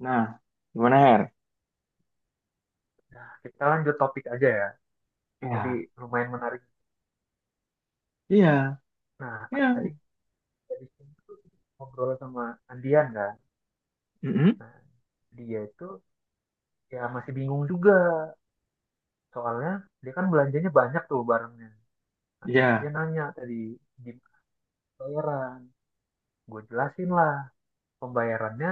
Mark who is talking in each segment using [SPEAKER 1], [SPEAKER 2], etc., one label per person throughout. [SPEAKER 1] Nah, gimana Her?
[SPEAKER 2] Nah, kita lanjut topik aja ya. Kan tadi
[SPEAKER 1] Ya,
[SPEAKER 2] lumayan menarik.
[SPEAKER 1] iya,
[SPEAKER 2] Nah, tadi
[SPEAKER 1] iya,
[SPEAKER 2] dari sini tuh ngobrol sama Andian kan.
[SPEAKER 1] mm
[SPEAKER 2] Nah, dia itu ya masih bingung juga. Soalnya dia kan belanjanya banyak tuh barangnya. Nah, terus dia
[SPEAKER 1] iya,
[SPEAKER 2] nanya tadi gimana pembayaran. Gue jelasin lah pembayarannya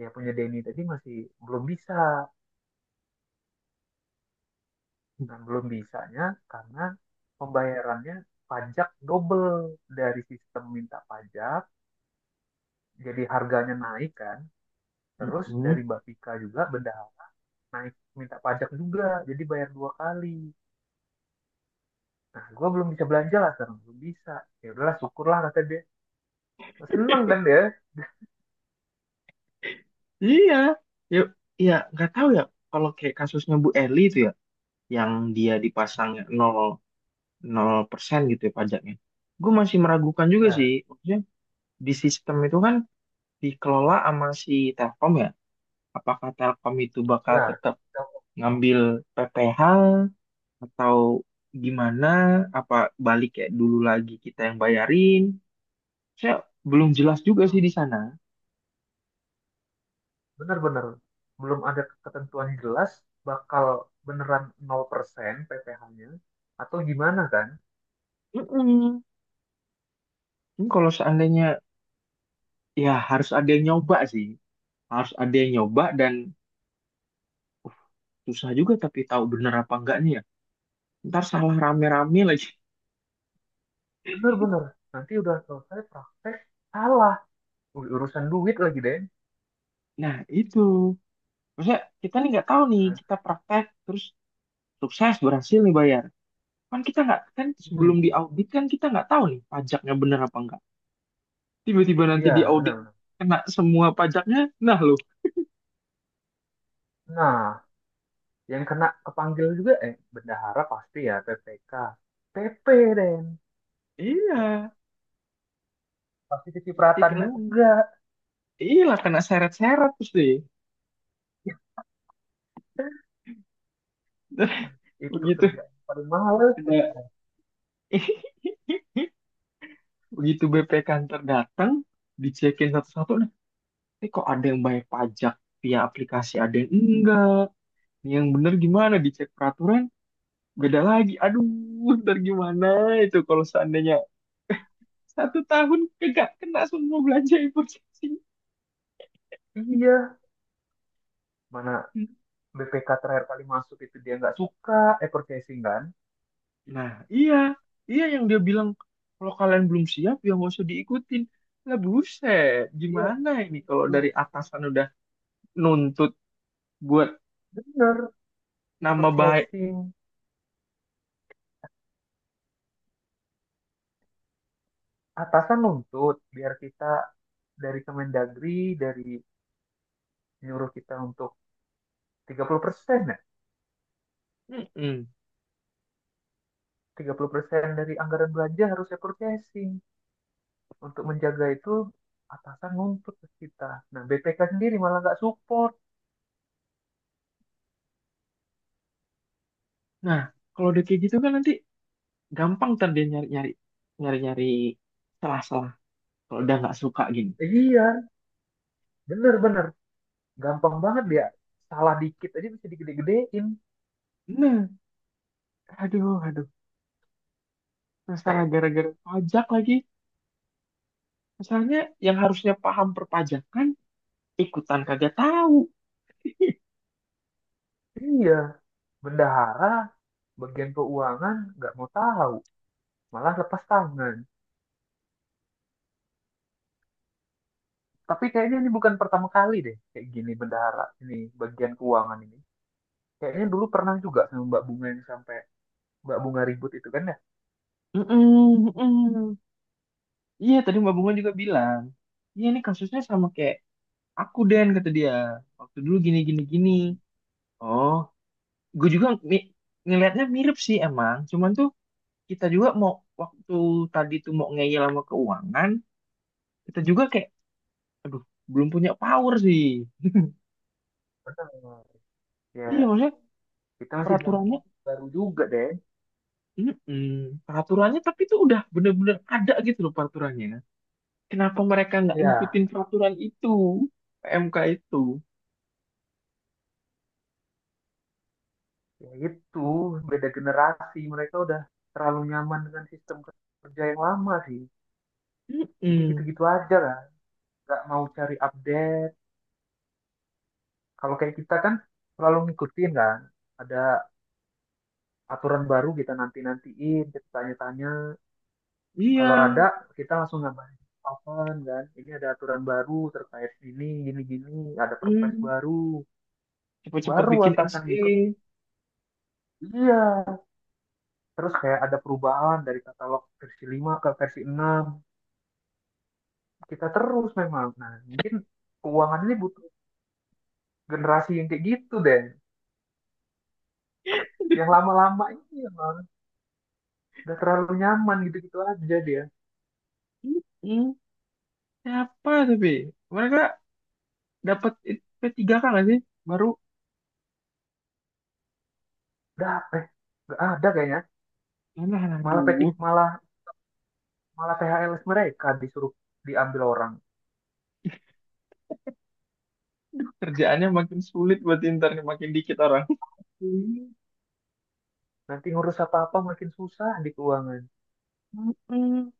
[SPEAKER 2] ya punya Denny tadi masih belum bisa. Nah, belum bisanya karena pembayarannya pajak double dari sistem minta pajak jadi harganya naik kan. Terus
[SPEAKER 1] mm
[SPEAKER 2] dari Bapika juga benda naik minta pajak juga, jadi bayar dua kali. Nah, gue belum bisa belanja lah sekarang, belum bisa. Ya udahlah, syukurlah kata dia. Seneng kan dia?
[SPEAKER 1] iya. Yuk, iya, nggak tahu ya. Kalau kayak kasusnya Bu Eli itu ya, yang dia dipasang nol nol persen gitu ya pajaknya. Gue masih meragukan juga
[SPEAKER 2] Ya,
[SPEAKER 1] sih. Maksudnya di sistem itu kan dikelola sama si Telkom ya. Apakah Telkom itu bakal
[SPEAKER 2] ya.
[SPEAKER 1] tetap ngambil PPh atau gimana? Apa balik kayak dulu lagi kita yang bayarin? Saya belum jelas juga sih di sana.
[SPEAKER 2] Bener-bener. Belum ada ketentuan yang jelas bakal beneran 0% PPh-nya atau gimana kan?
[SPEAKER 1] Mm-mm. Ini kalau seandainya ya harus ada yang nyoba sih, harus ada yang nyoba dan susah juga tapi tahu bener apa enggaknya ya. Ntar salah rame-rame lagi.
[SPEAKER 2] Bener-bener. Nanti udah selesai praktek, salah. Urusan duit lagi, deh Den.
[SPEAKER 1] Nah itu, maksudnya kita nih nggak tahu nih
[SPEAKER 2] Kan?
[SPEAKER 1] kita praktek terus sukses berhasil nih bayar. Kan kita nggak kan
[SPEAKER 2] Hmm,
[SPEAKER 1] sebelum diaudit kan kita nggak tahu nih pajaknya bener apa enggak. Tiba-tiba nanti
[SPEAKER 2] Iya,
[SPEAKER 1] diaudit
[SPEAKER 2] benar-benar.
[SPEAKER 1] kena semua pajaknya, nah loh.
[SPEAKER 2] Nah, yang kena kepanggil juga eh bendahara pasti ya PPK PP Den. Nah,
[SPEAKER 1] Iya,
[SPEAKER 2] pasti
[SPEAKER 1] mesti
[SPEAKER 2] kecipratan
[SPEAKER 1] kena.
[SPEAKER 2] juga.
[SPEAKER 1] Iya lah kena seret-seret terus deh.
[SPEAKER 2] Ya, itu
[SPEAKER 1] Begitu.
[SPEAKER 2] kerjaan paling males.
[SPEAKER 1] Ada begitu BP kantor datang, dicekin satu-satu nih. Ini kok ada yang bayar pajak via aplikasi, ada yang enggak. Yang bener gimana dicek peraturan, beda lagi. Aduh, ntar gimana itu kalau seandainya satu tahun kagak kena semua belanja impor casing.
[SPEAKER 2] Iya, mana BPK terakhir kali masuk itu dia nggak suka eh purchasing kan.
[SPEAKER 1] Nah, iya. Iya yang dia bilang, kalau kalian belum siap ya nggak usah diikutin. Lah buset,
[SPEAKER 2] Iya,
[SPEAKER 1] gimana ini kalau
[SPEAKER 2] nah,
[SPEAKER 1] dari atasan udah nuntut buat
[SPEAKER 2] bener.
[SPEAKER 1] nama baik.
[SPEAKER 2] Purchasing atasan nuntut biar kita dari Kemendagri dari nyuruh kita untuk 30% ya.
[SPEAKER 1] Mm-mm.
[SPEAKER 2] 30% dari anggaran belanja harusnya purchasing. Untuk menjaga itu atasan nuntut ke kita. Nah, BPK sendiri malah nggak support.
[SPEAKER 1] Nah, kalau udah kayak gitu kan nanti gampang ntar dia nyari-nyari nyari-nyari salah-salah kalau udah nggak suka gini.
[SPEAKER 2] Eh, iya, bener-bener. Gampang banget dia. Salah dikit aja bisa digede-gedein.
[SPEAKER 1] Nah, aduh, aduh, masalah gara-gara pajak lagi. Masalahnya yang harusnya paham perpajakan ikutan kagak tahu.
[SPEAKER 2] Iya, bendahara, bagian keuangan nggak mau tahu. Malah lepas tangan. Tapi kayaknya ini bukan pertama kali deh kayak gini bendahara ini bagian keuangan ini. Kayaknya dulu pernah juga sama Mbak Bunga yang sampai Mbak Bunga ribut itu kan ya.
[SPEAKER 1] Mm-mm, mm-mm. Iya, tadi Mbak Bunga juga bilang. Iya, ini kasusnya sama kayak aku Den kata dia. Waktu dulu gini gini gini. Oh, gue juga ngelihatnya mirip sih emang. Cuman tuh kita juga mau waktu tadi tuh mau ngeyel sama keuangan, kita juga kayak, aduh, belum punya power sih.
[SPEAKER 2] Benar.
[SPEAKER 1] Iya
[SPEAKER 2] Ya,
[SPEAKER 1] maksudnya
[SPEAKER 2] kita masih
[SPEAKER 1] peraturannya,
[SPEAKER 2] baru juga deh.
[SPEAKER 1] mm-mm, peraturannya tapi itu udah bener-bener ada gitu loh peraturannya. Kenapa mereka nggak
[SPEAKER 2] Ya,
[SPEAKER 1] ngikutin peraturan itu, PMK itu?
[SPEAKER 2] ya itu, beda generasi. Mereka udah terlalu nyaman dengan sistem kerja yang lama sih. Jadi
[SPEAKER 1] Mm-mm,
[SPEAKER 2] gitu-gitu aja lah. Nggak mau cari update. Kalau kayak kita kan selalu ngikutin kan. Ada aturan baru kita nanti-nantiin, kita tanya-tanya.
[SPEAKER 1] iya,
[SPEAKER 2] Kalau ada, kita langsung ngabarin. Kapan kan? Ini ada aturan baru terkait ini, gini-gini. Ada perpres
[SPEAKER 1] mm,
[SPEAKER 2] baru.
[SPEAKER 1] cepet-cepet
[SPEAKER 2] Baru
[SPEAKER 1] bikin
[SPEAKER 2] atasan ngikut.
[SPEAKER 1] SE.
[SPEAKER 2] Iya. Terus kayak ada perubahan dari katalog versi 5 ke versi 6 kita terus memang. Nah, mungkin keuangan ini butuh generasi yang kayak gitu deh. Yang lama-lama ini emang udah terlalu nyaman gitu-gitu aja dia.
[SPEAKER 1] Mm-mm, siapa tapi mereka dapat P3K nggak sih? Baru,
[SPEAKER 2] Udah eh nggak ada kayaknya.
[SPEAKER 1] mana
[SPEAKER 2] Malah
[SPEAKER 1] aduh,
[SPEAKER 2] peting malah malah THL mereka disuruh diambil orang.
[SPEAKER 1] kerjaannya makin sulit buat Inter nih, makin dikit orang.
[SPEAKER 2] Ih, nanti ngurus apa-apa makin susah di keuangan.
[SPEAKER 1] Mm-mm.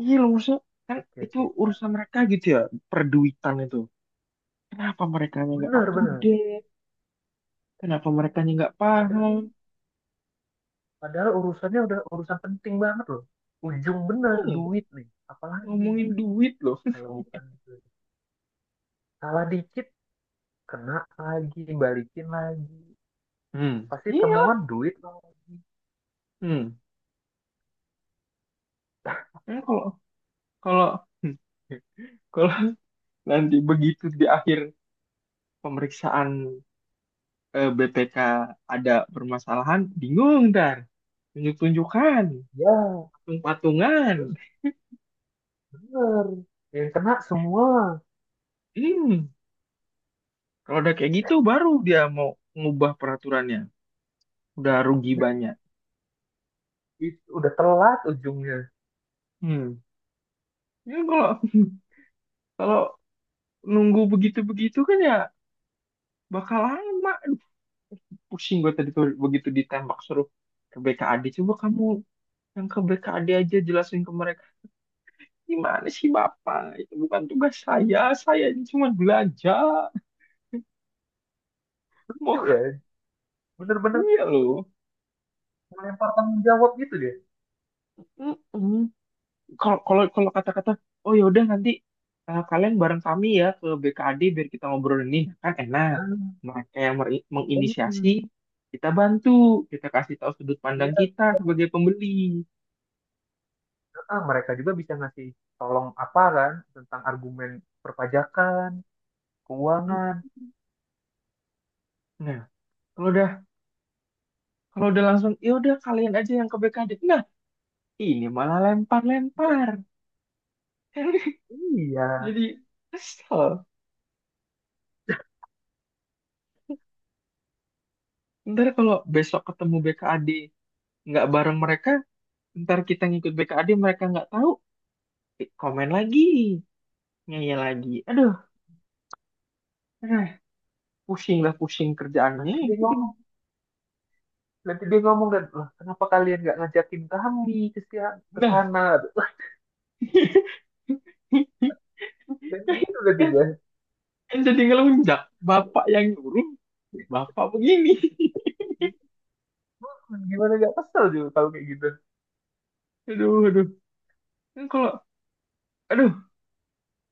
[SPEAKER 1] Iya loh, maksudnya kan
[SPEAKER 2] Oke,
[SPEAKER 1] itu
[SPEAKER 2] oke. Nah,
[SPEAKER 1] urusan mereka gitu ya, perduitan itu. Kenapa mereka nggak up
[SPEAKER 2] bener,
[SPEAKER 1] to
[SPEAKER 2] bener.
[SPEAKER 1] date? Kenapa mereka nggak paham?
[SPEAKER 2] Padahal, padahal urusannya udah urusan penting banget loh. Ujung bener
[SPEAKER 1] Hmm,
[SPEAKER 2] duit nih. Apalagi
[SPEAKER 1] ngomongin duit loh.
[SPEAKER 2] kalau bukan itu. Salah dikit kena lagi balikin lagi
[SPEAKER 1] Hmm,
[SPEAKER 2] pasti
[SPEAKER 1] iya.
[SPEAKER 2] temuan duit lagi.
[SPEAKER 1] Hmm. Kan kalau kalau hmm, kalau nanti begitu di akhir pemeriksaan, eh, BPK ada permasalahan, bingung ntar. Tunjuk-tunjukkan,
[SPEAKER 2] Ya,
[SPEAKER 1] patung-patungan.
[SPEAKER 2] terus bener yang kena semua.
[SPEAKER 1] Hmm. Kalau udah kayak gitu baru dia mau ngubah peraturannya. Udah rugi
[SPEAKER 2] Dah,
[SPEAKER 1] banyak.
[SPEAKER 2] itu udah telat ujungnya.
[SPEAKER 1] Hmm. Ya kalau kalau nunggu begitu-begitu kan ya bakal lama. Aduh, pusing gue tadi tuh begitu ditembak suruh ke BKAD. Coba kamu yang ke BKAD aja jelasin ke mereka. Gimana sih Bapak? Itu bukan tugas saya. Saya ini cuma belajar.
[SPEAKER 2] Lucu
[SPEAKER 1] Mau
[SPEAKER 2] ya, bener-bener
[SPEAKER 1] iya loh.
[SPEAKER 2] melempar tanggung jawab gitu dia.
[SPEAKER 1] Mm-mm. kalau kalau kalau kata-kata, oh ya udah nanti, eh, kalian bareng kami ya ke BKD biar kita ngobrol ini. Nah, kan enak
[SPEAKER 2] Ah,
[SPEAKER 1] mereka yang menginisiasi,
[SPEAKER 2] bener.
[SPEAKER 1] kita bantu, kita kasih tahu sudut pandang
[SPEAKER 2] Iya,
[SPEAKER 1] kita sebagai pembeli.
[SPEAKER 2] ah, mereka juga bisa ngasih tolong apa kan tentang argumen perpajakan
[SPEAKER 1] Hmm,
[SPEAKER 2] keuangan.
[SPEAKER 1] nah kalau udah kalau udah langsung ya udah kalian aja yang ke BKD, nah ini malah lempar-lempar.
[SPEAKER 2] Iya,
[SPEAKER 1] Jadi kesel ntar kalau besok ketemu BKD nggak bareng mereka, ntar kita ngikut BKD mereka nggak tahu, eh, komen lagi, ngeyel lagi, aduh. Eh, pusing lah, pusing kerjaan ini.
[SPEAKER 2] nanti dia ngomong nanti dia ngomong kan lah kenapa kalian nggak ngajakin kami ke
[SPEAKER 1] Nah,
[SPEAKER 2] sana dan gitu gitu
[SPEAKER 1] kan
[SPEAKER 2] dia.
[SPEAKER 1] kan jadi ngelunjak. Bapak yang nyuruh, bapak begini.
[SPEAKER 2] Gimana gak kesel juga kalau kayak gitu.
[SPEAKER 1] Aduh, aduh. Kan kalau, aduh,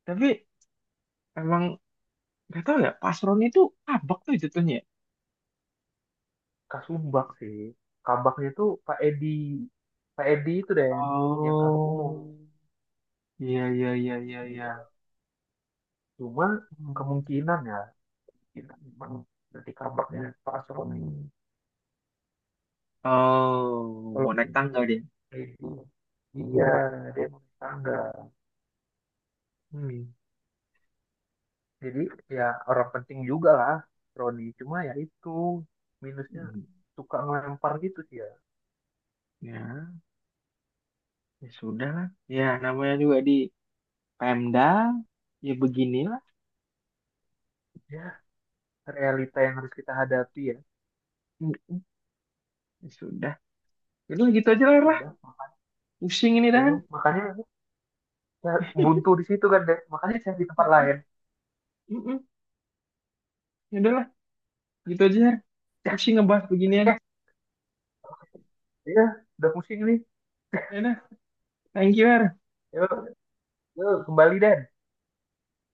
[SPEAKER 1] tapi emang gak tau ya, Pasron itu abak tuh jatuhnya. Ya.
[SPEAKER 2] Kasumbak sih. Kabaknya tuh Pak Edi. Pak Edi itu deh yang kabak umum.
[SPEAKER 1] Oh, iya, iya, iya, iya, iya.
[SPEAKER 2] Dia cuma
[SPEAKER 1] Hmm.
[SPEAKER 2] kemungkinan ya. Kita memang nanti kabaknya Pak Soni.
[SPEAKER 1] Oh, mau naik
[SPEAKER 2] Walaupun
[SPEAKER 1] tangga dia.
[SPEAKER 2] Pak Edi. Iya, dia mau tangga.
[SPEAKER 1] Hmm.
[SPEAKER 2] Jadi ya orang penting juga lah Roni. Cuma ya itu minusnya
[SPEAKER 1] Hmm.
[SPEAKER 2] suka ngelempar gitu sih ya.
[SPEAKER 1] Ya, ya sudah lah. Ya, namanya juga di Pemda, ya beginilah.
[SPEAKER 2] Ya realita yang harus kita hadapi ya.
[SPEAKER 1] Hmm. Ya sudah. Udah gitu aja lah, lah.
[SPEAKER 2] Sudah,
[SPEAKER 1] Pusing ini Dan.
[SPEAKER 2] makanya ya buntu di situ kan deh makanya saya di tempat
[SPEAKER 1] Mm-mm,
[SPEAKER 2] lain.
[SPEAKER 1] mm-mm. Ya udah lah, gitu aja. Har.
[SPEAKER 2] Ya,
[SPEAKER 1] Pusing ngebahas beginian.
[SPEAKER 2] eh, ya udah pusing nih.
[SPEAKER 1] Ya udah, thank you, Har.
[SPEAKER 2] Ya kembali deh.